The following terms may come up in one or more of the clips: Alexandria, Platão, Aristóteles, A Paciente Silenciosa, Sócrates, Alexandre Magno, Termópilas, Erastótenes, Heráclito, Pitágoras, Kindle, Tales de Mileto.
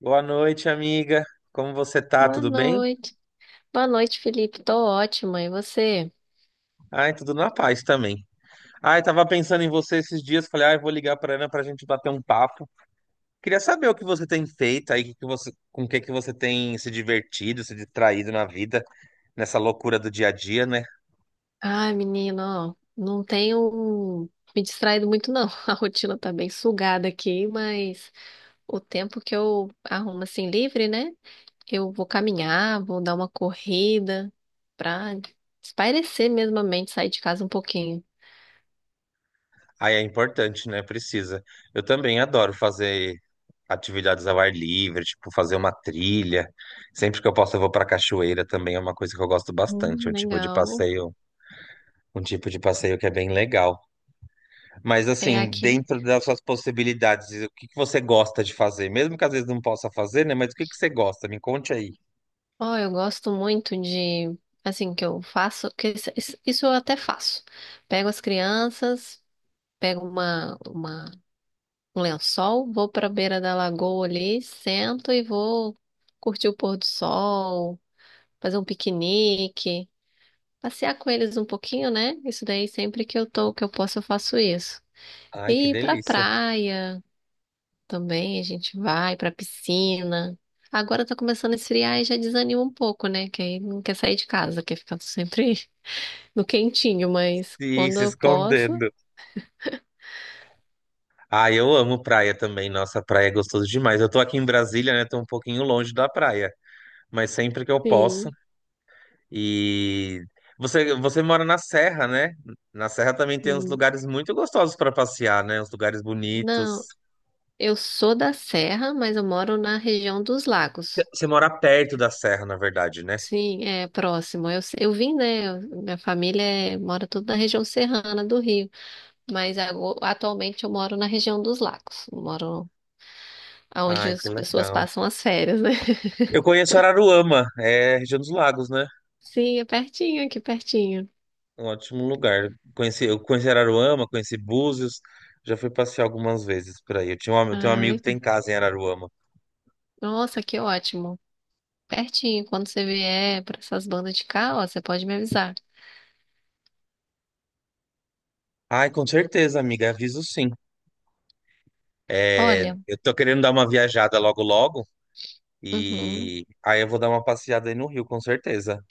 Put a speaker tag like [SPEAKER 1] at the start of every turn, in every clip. [SPEAKER 1] Boa noite, amiga. Como você tá?
[SPEAKER 2] Boa
[SPEAKER 1] Tudo bem?
[SPEAKER 2] noite. Boa noite, Felipe. Tô ótima. E você?
[SPEAKER 1] Ai, tudo na paz também. Ai, tava pensando em você esses dias, falei, ai, vou ligar pra Ana pra gente bater um papo. Queria saber o que você tem feito aí, com o que que você tem se divertido, se distraído na vida, nessa loucura do dia a dia, né?
[SPEAKER 2] Ai, menino, ó, não tenho me distraído muito, não. A rotina tá bem sugada aqui, mas o tempo que eu arrumo assim livre, né? Eu vou caminhar, vou dar uma corrida pra espairecer mesmo a mente, sair de casa um pouquinho.
[SPEAKER 1] Ai, é importante, né? Precisa. Eu também adoro fazer atividades ao ar livre, tipo fazer uma trilha. Sempre que eu posso, eu vou pra cachoeira também, é uma coisa que eu gosto bastante,
[SPEAKER 2] Legal.
[SPEAKER 1] um tipo de passeio que é bem legal. Mas
[SPEAKER 2] É
[SPEAKER 1] assim,
[SPEAKER 2] aqui.
[SPEAKER 1] dentro das suas possibilidades, o que que você gosta de fazer? Mesmo que às vezes não possa fazer, né? Mas o que que você gosta? Me conte aí.
[SPEAKER 2] Ó, eu gosto muito de, assim, que eu faço, que isso eu até faço. Pego as crianças. Pego um lençol, vou para a beira da lagoa ali, sento e vou curtir o pôr do sol, fazer um piquenique, passear com eles um pouquinho, né? Isso daí sempre que eu tô, que eu posso, eu faço isso.
[SPEAKER 1] Ai, que
[SPEAKER 2] E ir pra
[SPEAKER 1] delícia.
[SPEAKER 2] praia também, a gente vai pra piscina. Agora tá começando a esfriar e já desanima um pouco, né? Que aí não quer sair de casa, quer ficar sempre no quentinho, mas
[SPEAKER 1] Ih,
[SPEAKER 2] quando
[SPEAKER 1] se
[SPEAKER 2] eu posso,
[SPEAKER 1] escondendo. Ah, eu amo praia também. Nossa, praia é gostoso demais. Eu tô aqui em Brasília, né? Tô um pouquinho longe da praia, mas sempre que eu posso.
[SPEAKER 2] sim.
[SPEAKER 1] E você mora na Serra, né? Na Serra também tem uns
[SPEAKER 2] Hum.
[SPEAKER 1] lugares muito gostosos para passear, né? Uns lugares bonitos.
[SPEAKER 2] Não. Eu sou da Serra, mas eu moro na região dos Lagos.
[SPEAKER 1] Você mora perto da Serra, na verdade, né?
[SPEAKER 2] Sim, é próximo. Eu vim, né? Minha família mora tudo na região serrana do Rio, mas atualmente eu moro na região dos Lagos. Eu moro onde
[SPEAKER 1] Ai, que
[SPEAKER 2] as pessoas
[SPEAKER 1] legal.
[SPEAKER 2] passam as férias, né?
[SPEAKER 1] Eu conheço Araruama, é região dos lagos, né?
[SPEAKER 2] Sim, é pertinho, aqui pertinho.
[SPEAKER 1] É um ótimo lugar. Eu conheci Araruama, conheci Búzios, já fui passear algumas vezes por aí. Eu tenho um
[SPEAKER 2] Ah,
[SPEAKER 1] amigo que
[SPEAKER 2] legal.
[SPEAKER 1] tem casa em Araruama.
[SPEAKER 2] Nossa, que ótimo. Pertinho. Quando você vier para essas bandas de cá, ó, você pode me avisar.
[SPEAKER 1] Ai, com certeza, amiga, aviso sim. É,
[SPEAKER 2] Olha,
[SPEAKER 1] eu tô querendo dar uma viajada logo logo
[SPEAKER 2] uhum.
[SPEAKER 1] e aí eu vou dar uma passeada aí no Rio, com certeza.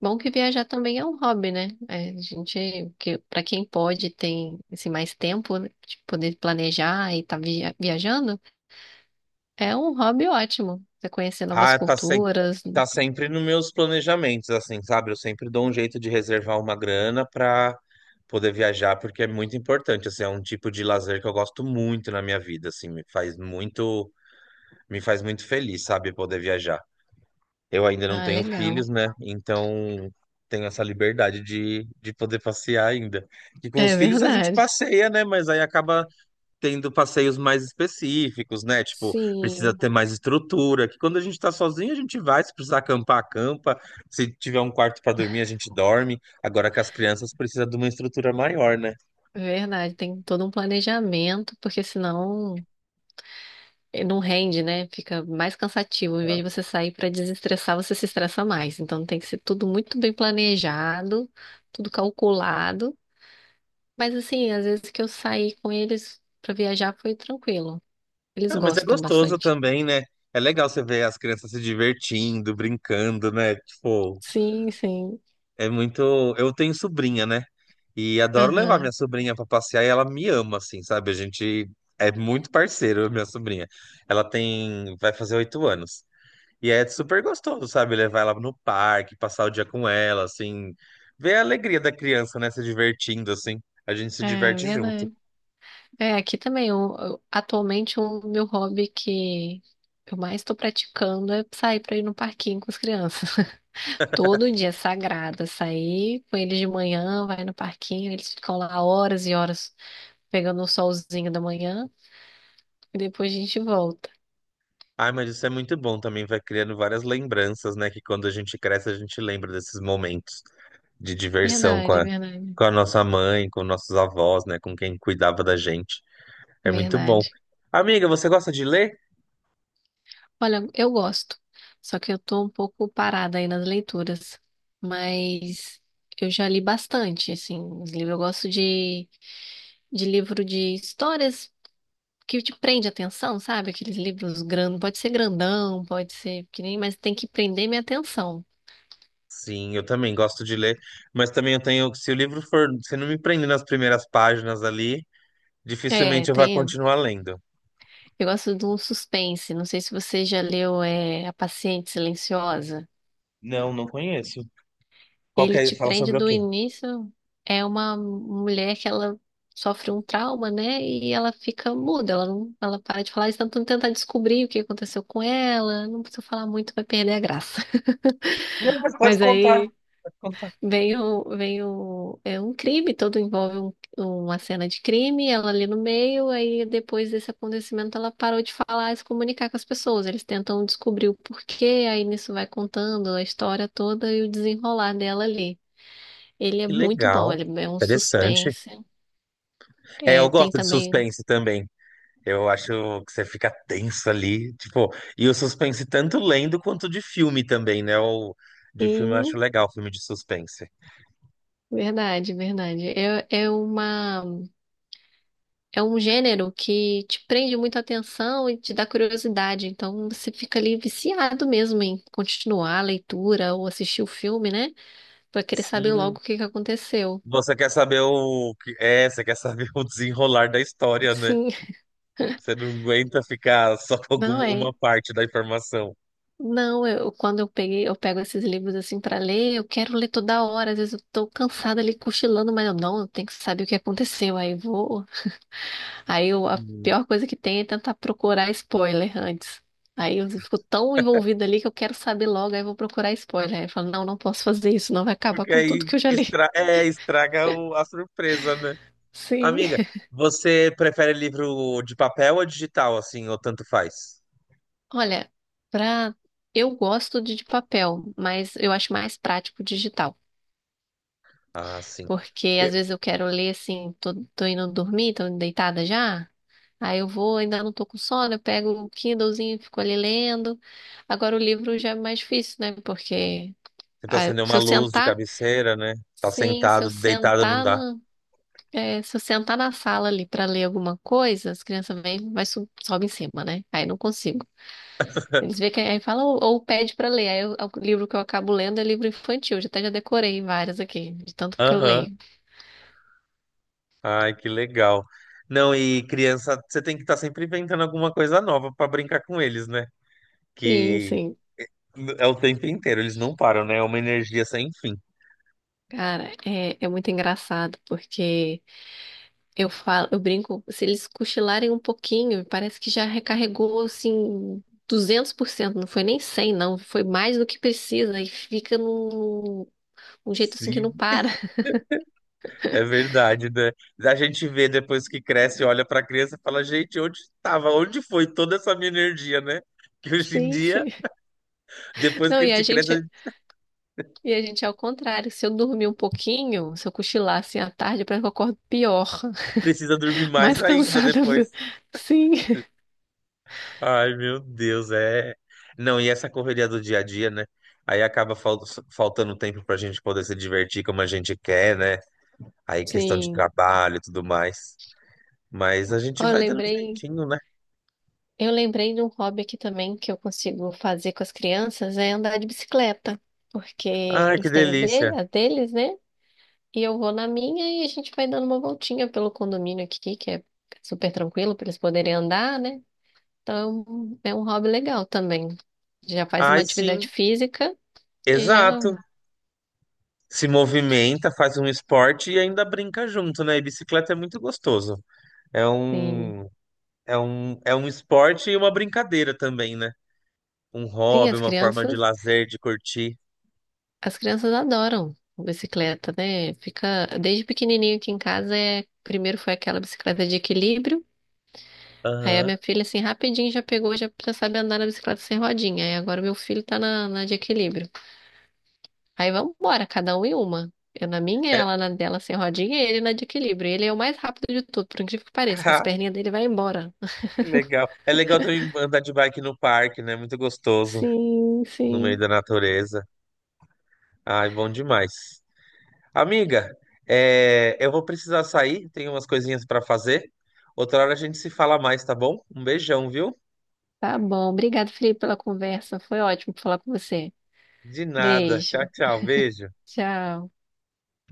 [SPEAKER 2] Bom que viajar também é um hobby, né? É, a gente, que, para quem pode, tem assim, mais tempo né, de poder planejar e estar viajando, é um hobby ótimo. Você conhecer novas
[SPEAKER 1] Ah, tá, se...
[SPEAKER 2] culturas.
[SPEAKER 1] Tá sempre nos meus planejamentos, assim, sabe? Eu sempre dou um jeito de reservar uma grana pra poder viajar, porque é muito importante, assim, é um tipo de lazer que eu gosto muito na minha vida, assim, me faz muito feliz, sabe, poder viajar. Eu ainda não
[SPEAKER 2] Ah,
[SPEAKER 1] tenho
[SPEAKER 2] legal.
[SPEAKER 1] filhos, né? Então tenho essa liberdade de poder passear ainda. E com os
[SPEAKER 2] É
[SPEAKER 1] filhos a gente
[SPEAKER 2] verdade.
[SPEAKER 1] passeia, né? Mas aí acaba tendo passeios mais específicos, né? Tipo, precisa
[SPEAKER 2] Sim,
[SPEAKER 1] ter mais estrutura, que quando a gente tá sozinho, a gente vai, se precisar acampar, acampa, se tiver um quarto pra dormir, a gente dorme. Agora com as crianças precisa de uma estrutura maior, né?
[SPEAKER 2] é verdade. Tem todo um planejamento, porque senão não rende, né? Fica mais cansativo. Em vez de você sair para desestressar, você se estressa mais. Então tem que ser tudo muito bem planejado, tudo calculado. Mas assim, às vezes que eu saí com eles pra viajar foi tranquilo. Eles
[SPEAKER 1] Ah, mas é
[SPEAKER 2] gostam
[SPEAKER 1] gostoso
[SPEAKER 2] bastante.
[SPEAKER 1] também, né? É legal você ver as crianças se divertindo, brincando, né? Tipo,
[SPEAKER 2] Sim, sim.
[SPEAKER 1] é muito. Eu tenho sobrinha, né? E adoro levar minha
[SPEAKER 2] Aham.
[SPEAKER 1] sobrinha pra passear e ela me ama, assim, sabe? A gente é muito parceiro, minha sobrinha. Ela tem. Vai fazer 8 anos. E é super gostoso, sabe? Levar ela no parque, passar o dia com ela, assim. Ver a alegria da criança, né? Se divertindo, assim. A gente se
[SPEAKER 2] É
[SPEAKER 1] diverte junto.
[SPEAKER 2] verdade. É, aqui também, atualmente o meu hobby que eu mais estou praticando é sair pra ir no parquinho com as crianças. Todo dia é sagrado, sair com eles de manhã, vai no parquinho, eles ficam lá horas e horas pegando o solzinho da manhã e depois a gente volta.
[SPEAKER 1] Ai, mas isso é muito bom também. Vai criando várias lembranças, né? Que quando a gente cresce, a gente lembra desses momentos de diversão
[SPEAKER 2] Verdade, verdade,
[SPEAKER 1] com a nossa mãe, com nossos avós, né? Com quem cuidava da gente. É muito bom.
[SPEAKER 2] verdade.
[SPEAKER 1] Amiga, você gosta de ler?
[SPEAKER 2] Olha, eu gosto, só que eu tô um pouco parada aí nas leituras, mas eu já li bastante, assim, os livros. Eu gosto de livro de histórias que te prende a atenção, sabe? Aqueles livros grandes, pode ser grandão, pode ser pequenininho, mas tem que prender minha atenção.
[SPEAKER 1] Sim, eu também gosto de ler. Mas também eu tenho. Se o livro for. Se não me prender nas primeiras páginas ali.
[SPEAKER 2] É,
[SPEAKER 1] Dificilmente eu vá
[SPEAKER 2] tem.
[SPEAKER 1] continuar lendo.
[SPEAKER 2] Eu gosto de um suspense, não sei se você já leu, é, A Paciente Silenciosa.
[SPEAKER 1] Não, não conheço. Qual que
[SPEAKER 2] Ele
[SPEAKER 1] é?
[SPEAKER 2] te
[SPEAKER 1] Fala
[SPEAKER 2] prende
[SPEAKER 1] sobre o
[SPEAKER 2] do
[SPEAKER 1] quê?
[SPEAKER 2] início. É uma mulher que ela sofre um trauma, né? E ela fica muda, ela não, ela para de falar, eles tentam tentar descobrir o que aconteceu com ela. Não precisa falar muito, vai perder a graça.
[SPEAKER 1] Não, mas pode
[SPEAKER 2] Mas
[SPEAKER 1] contar,
[SPEAKER 2] aí
[SPEAKER 1] pode contar.
[SPEAKER 2] é um crime, todo envolve uma cena de crime, ela ali no meio, aí depois desse acontecimento ela parou de falar e se comunicar com as pessoas. Eles tentam descobrir o porquê, aí nisso vai contando a história toda e o desenrolar dela ali. Ele é
[SPEAKER 1] Que
[SPEAKER 2] muito bom,
[SPEAKER 1] legal,
[SPEAKER 2] ele é um
[SPEAKER 1] interessante.
[SPEAKER 2] suspense.
[SPEAKER 1] É, eu
[SPEAKER 2] É, tem
[SPEAKER 1] gosto de
[SPEAKER 2] também.
[SPEAKER 1] suspense também. Eu acho que você fica tenso ali, tipo, e o suspense tanto lendo quanto de filme também, né? O de filme eu acho
[SPEAKER 2] Sim,
[SPEAKER 1] legal, filme de suspense.
[SPEAKER 2] verdade, verdade. É, é um gênero que te prende muita atenção e te dá curiosidade. Então você fica ali viciado mesmo em continuar a leitura ou assistir o filme, né? Pra querer saber
[SPEAKER 1] Sim.
[SPEAKER 2] logo o que que aconteceu.
[SPEAKER 1] Você quer saber o que é, você quer saber o desenrolar da história, né?
[SPEAKER 2] Sim.
[SPEAKER 1] Você não aguenta ficar só com
[SPEAKER 2] Não
[SPEAKER 1] alguma uma
[SPEAKER 2] é.
[SPEAKER 1] parte da informação.
[SPEAKER 2] Não, eu, quando eu peguei, eu pego esses livros assim pra ler, eu quero ler toda hora, às vezes eu tô cansada ali cochilando, mas eu não, eu tenho que saber o que aconteceu, aí vou. Aí a pior coisa que tem é tentar procurar spoiler antes. Aí eu fico tão envolvida ali que eu quero saber logo, aí eu vou procurar spoiler. Aí eu falo, não, não posso fazer isso, não vai acabar
[SPEAKER 1] Porque
[SPEAKER 2] com tudo
[SPEAKER 1] aí
[SPEAKER 2] que eu já li.
[SPEAKER 1] é, estraga a surpresa, né?
[SPEAKER 2] Sim.
[SPEAKER 1] Amiga, você prefere livro de papel ou digital, assim, ou tanto faz?
[SPEAKER 2] Olha, pra... eu gosto de papel, mas eu acho mais prático digital.
[SPEAKER 1] Ah, sim.
[SPEAKER 2] Porque às
[SPEAKER 1] E-
[SPEAKER 2] vezes eu quero ler assim, tô indo dormir, tô deitada já. Aí eu vou, ainda não tô com sono, eu pego o Kindlezinho, e fico ali lendo. Agora o livro já é mais difícil, né? Porque
[SPEAKER 1] Tenta
[SPEAKER 2] ah,
[SPEAKER 1] acender
[SPEAKER 2] se
[SPEAKER 1] uma
[SPEAKER 2] eu
[SPEAKER 1] luz de
[SPEAKER 2] sentar.
[SPEAKER 1] cabeceira, né? Tá
[SPEAKER 2] Sim, se eu
[SPEAKER 1] sentado, deitado, não
[SPEAKER 2] sentar
[SPEAKER 1] dá.
[SPEAKER 2] na, é, se eu sentar na sala ali para ler alguma coisa, as crianças vêm, sobe em cima, né? Aí não consigo. Eles veem que aí fala ou pede para ler. É o livro que eu acabo lendo é livro infantil. Já decorei várias aqui, de tanto que eu
[SPEAKER 1] Aham.
[SPEAKER 2] leio.
[SPEAKER 1] Ai, que legal. Não, e criança, você tem que estar sempre inventando alguma coisa nova pra brincar com eles, né?
[SPEAKER 2] Sim,
[SPEAKER 1] Que
[SPEAKER 2] sim.
[SPEAKER 1] é o tempo inteiro, eles não param, né? É uma energia sem fim.
[SPEAKER 2] Cara, é muito engraçado porque eu falo, eu brinco, se eles cochilarem um pouquinho, parece que já recarregou assim 200%, não foi nem 100%, não, foi mais do que precisa e fica num um jeito assim que
[SPEAKER 1] Se
[SPEAKER 2] não para.
[SPEAKER 1] É verdade, né? A gente vê depois que cresce, olha pra criança e fala, gente, onde estava? Onde foi toda essa minha energia, né? Que hoje em
[SPEAKER 2] Sim,
[SPEAKER 1] dia,
[SPEAKER 2] sim.
[SPEAKER 1] depois
[SPEAKER 2] Não,
[SPEAKER 1] que a gente cresce, a gente
[SPEAKER 2] e a gente é ao contrário. Se eu dormir um pouquinho, se eu cochilar assim à tarde, parece que eu acordo pior,
[SPEAKER 1] precisa dormir mais
[SPEAKER 2] mais
[SPEAKER 1] ainda
[SPEAKER 2] cansada.
[SPEAKER 1] depois.
[SPEAKER 2] Sim,
[SPEAKER 1] Ai, meu Deus, é. Não, e essa correria do dia a dia, né? Aí faltando tempo pra gente poder se divertir como a gente quer, né? Aí questão de
[SPEAKER 2] sim.
[SPEAKER 1] trabalho e tudo mais. Mas a gente
[SPEAKER 2] Ó,
[SPEAKER 1] vai dando um jeitinho, né?
[SPEAKER 2] eu lembrei de um hobby aqui também que eu consigo fazer com as crianças, é andar de bicicleta, porque
[SPEAKER 1] Ai, que
[SPEAKER 2] eles têm o
[SPEAKER 1] delícia.
[SPEAKER 2] dele, a deles, né? E eu vou na minha e a gente vai dando uma voltinha pelo condomínio aqui, que é super tranquilo para eles poderem andar, né? Então, é um hobby legal também. Já faz uma
[SPEAKER 1] Ai,
[SPEAKER 2] atividade
[SPEAKER 1] sim,
[SPEAKER 2] física e já,
[SPEAKER 1] exato. Se movimenta, faz um esporte e ainda brinca junto, né? E bicicleta é muito gostoso. É
[SPEAKER 2] sim.
[SPEAKER 1] um, é um esporte e uma brincadeira também, né? Um
[SPEAKER 2] Sim,
[SPEAKER 1] hobby, uma forma de lazer, de curtir.
[SPEAKER 2] as crianças adoram bicicleta, né? Fica desde pequenininho aqui em casa é, primeiro foi aquela bicicleta de equilíbrio. Aí a
[SPEAKER 1] Aham.
[SPEAKER 2] minha filha assim rapidinho já pegou, já sabe andar na bicicleta sem rodinha. Aí agora meu filho tá na de equilíbrio. Aí vamos embora, cada um em uma. Eu na minha,
[SPEAKER 1] É,
[SPEAKER 2] ela na dela sem rodinha e ele na de equilíbrio. Ele é o mais rápido de tudo, por incrível que pareça, que as
[SPEAKER 1] ah,
[SPEAKER 2] perninhas dele vai embora.
[SPEAKER 1] que legal. É legal também andar de bike no parque, né? Muito gostoso,
[SPEAKER 2] Sim,
[SPEAKER 1] no meio
[SPEAKER 2] sim.
[SPEAKER 1] da natureza. Ai, bom demais. Amiga, eu vou precisar sair, tenho umas coisinhas para fazer. Outra hora a gente se fala mais, tá bom? Um beijão, viu?
[SPEAKER 2] Tá bom. Obrigado, Felipe, pela conversa. Foi ótimo falar com você.
[SPEAKER 1] De nada. Tchau,
[SPEAKER 2] Beijo.
[SPEAKER 1] tchau. Beijo.
[SPEAKER 2] Tchau.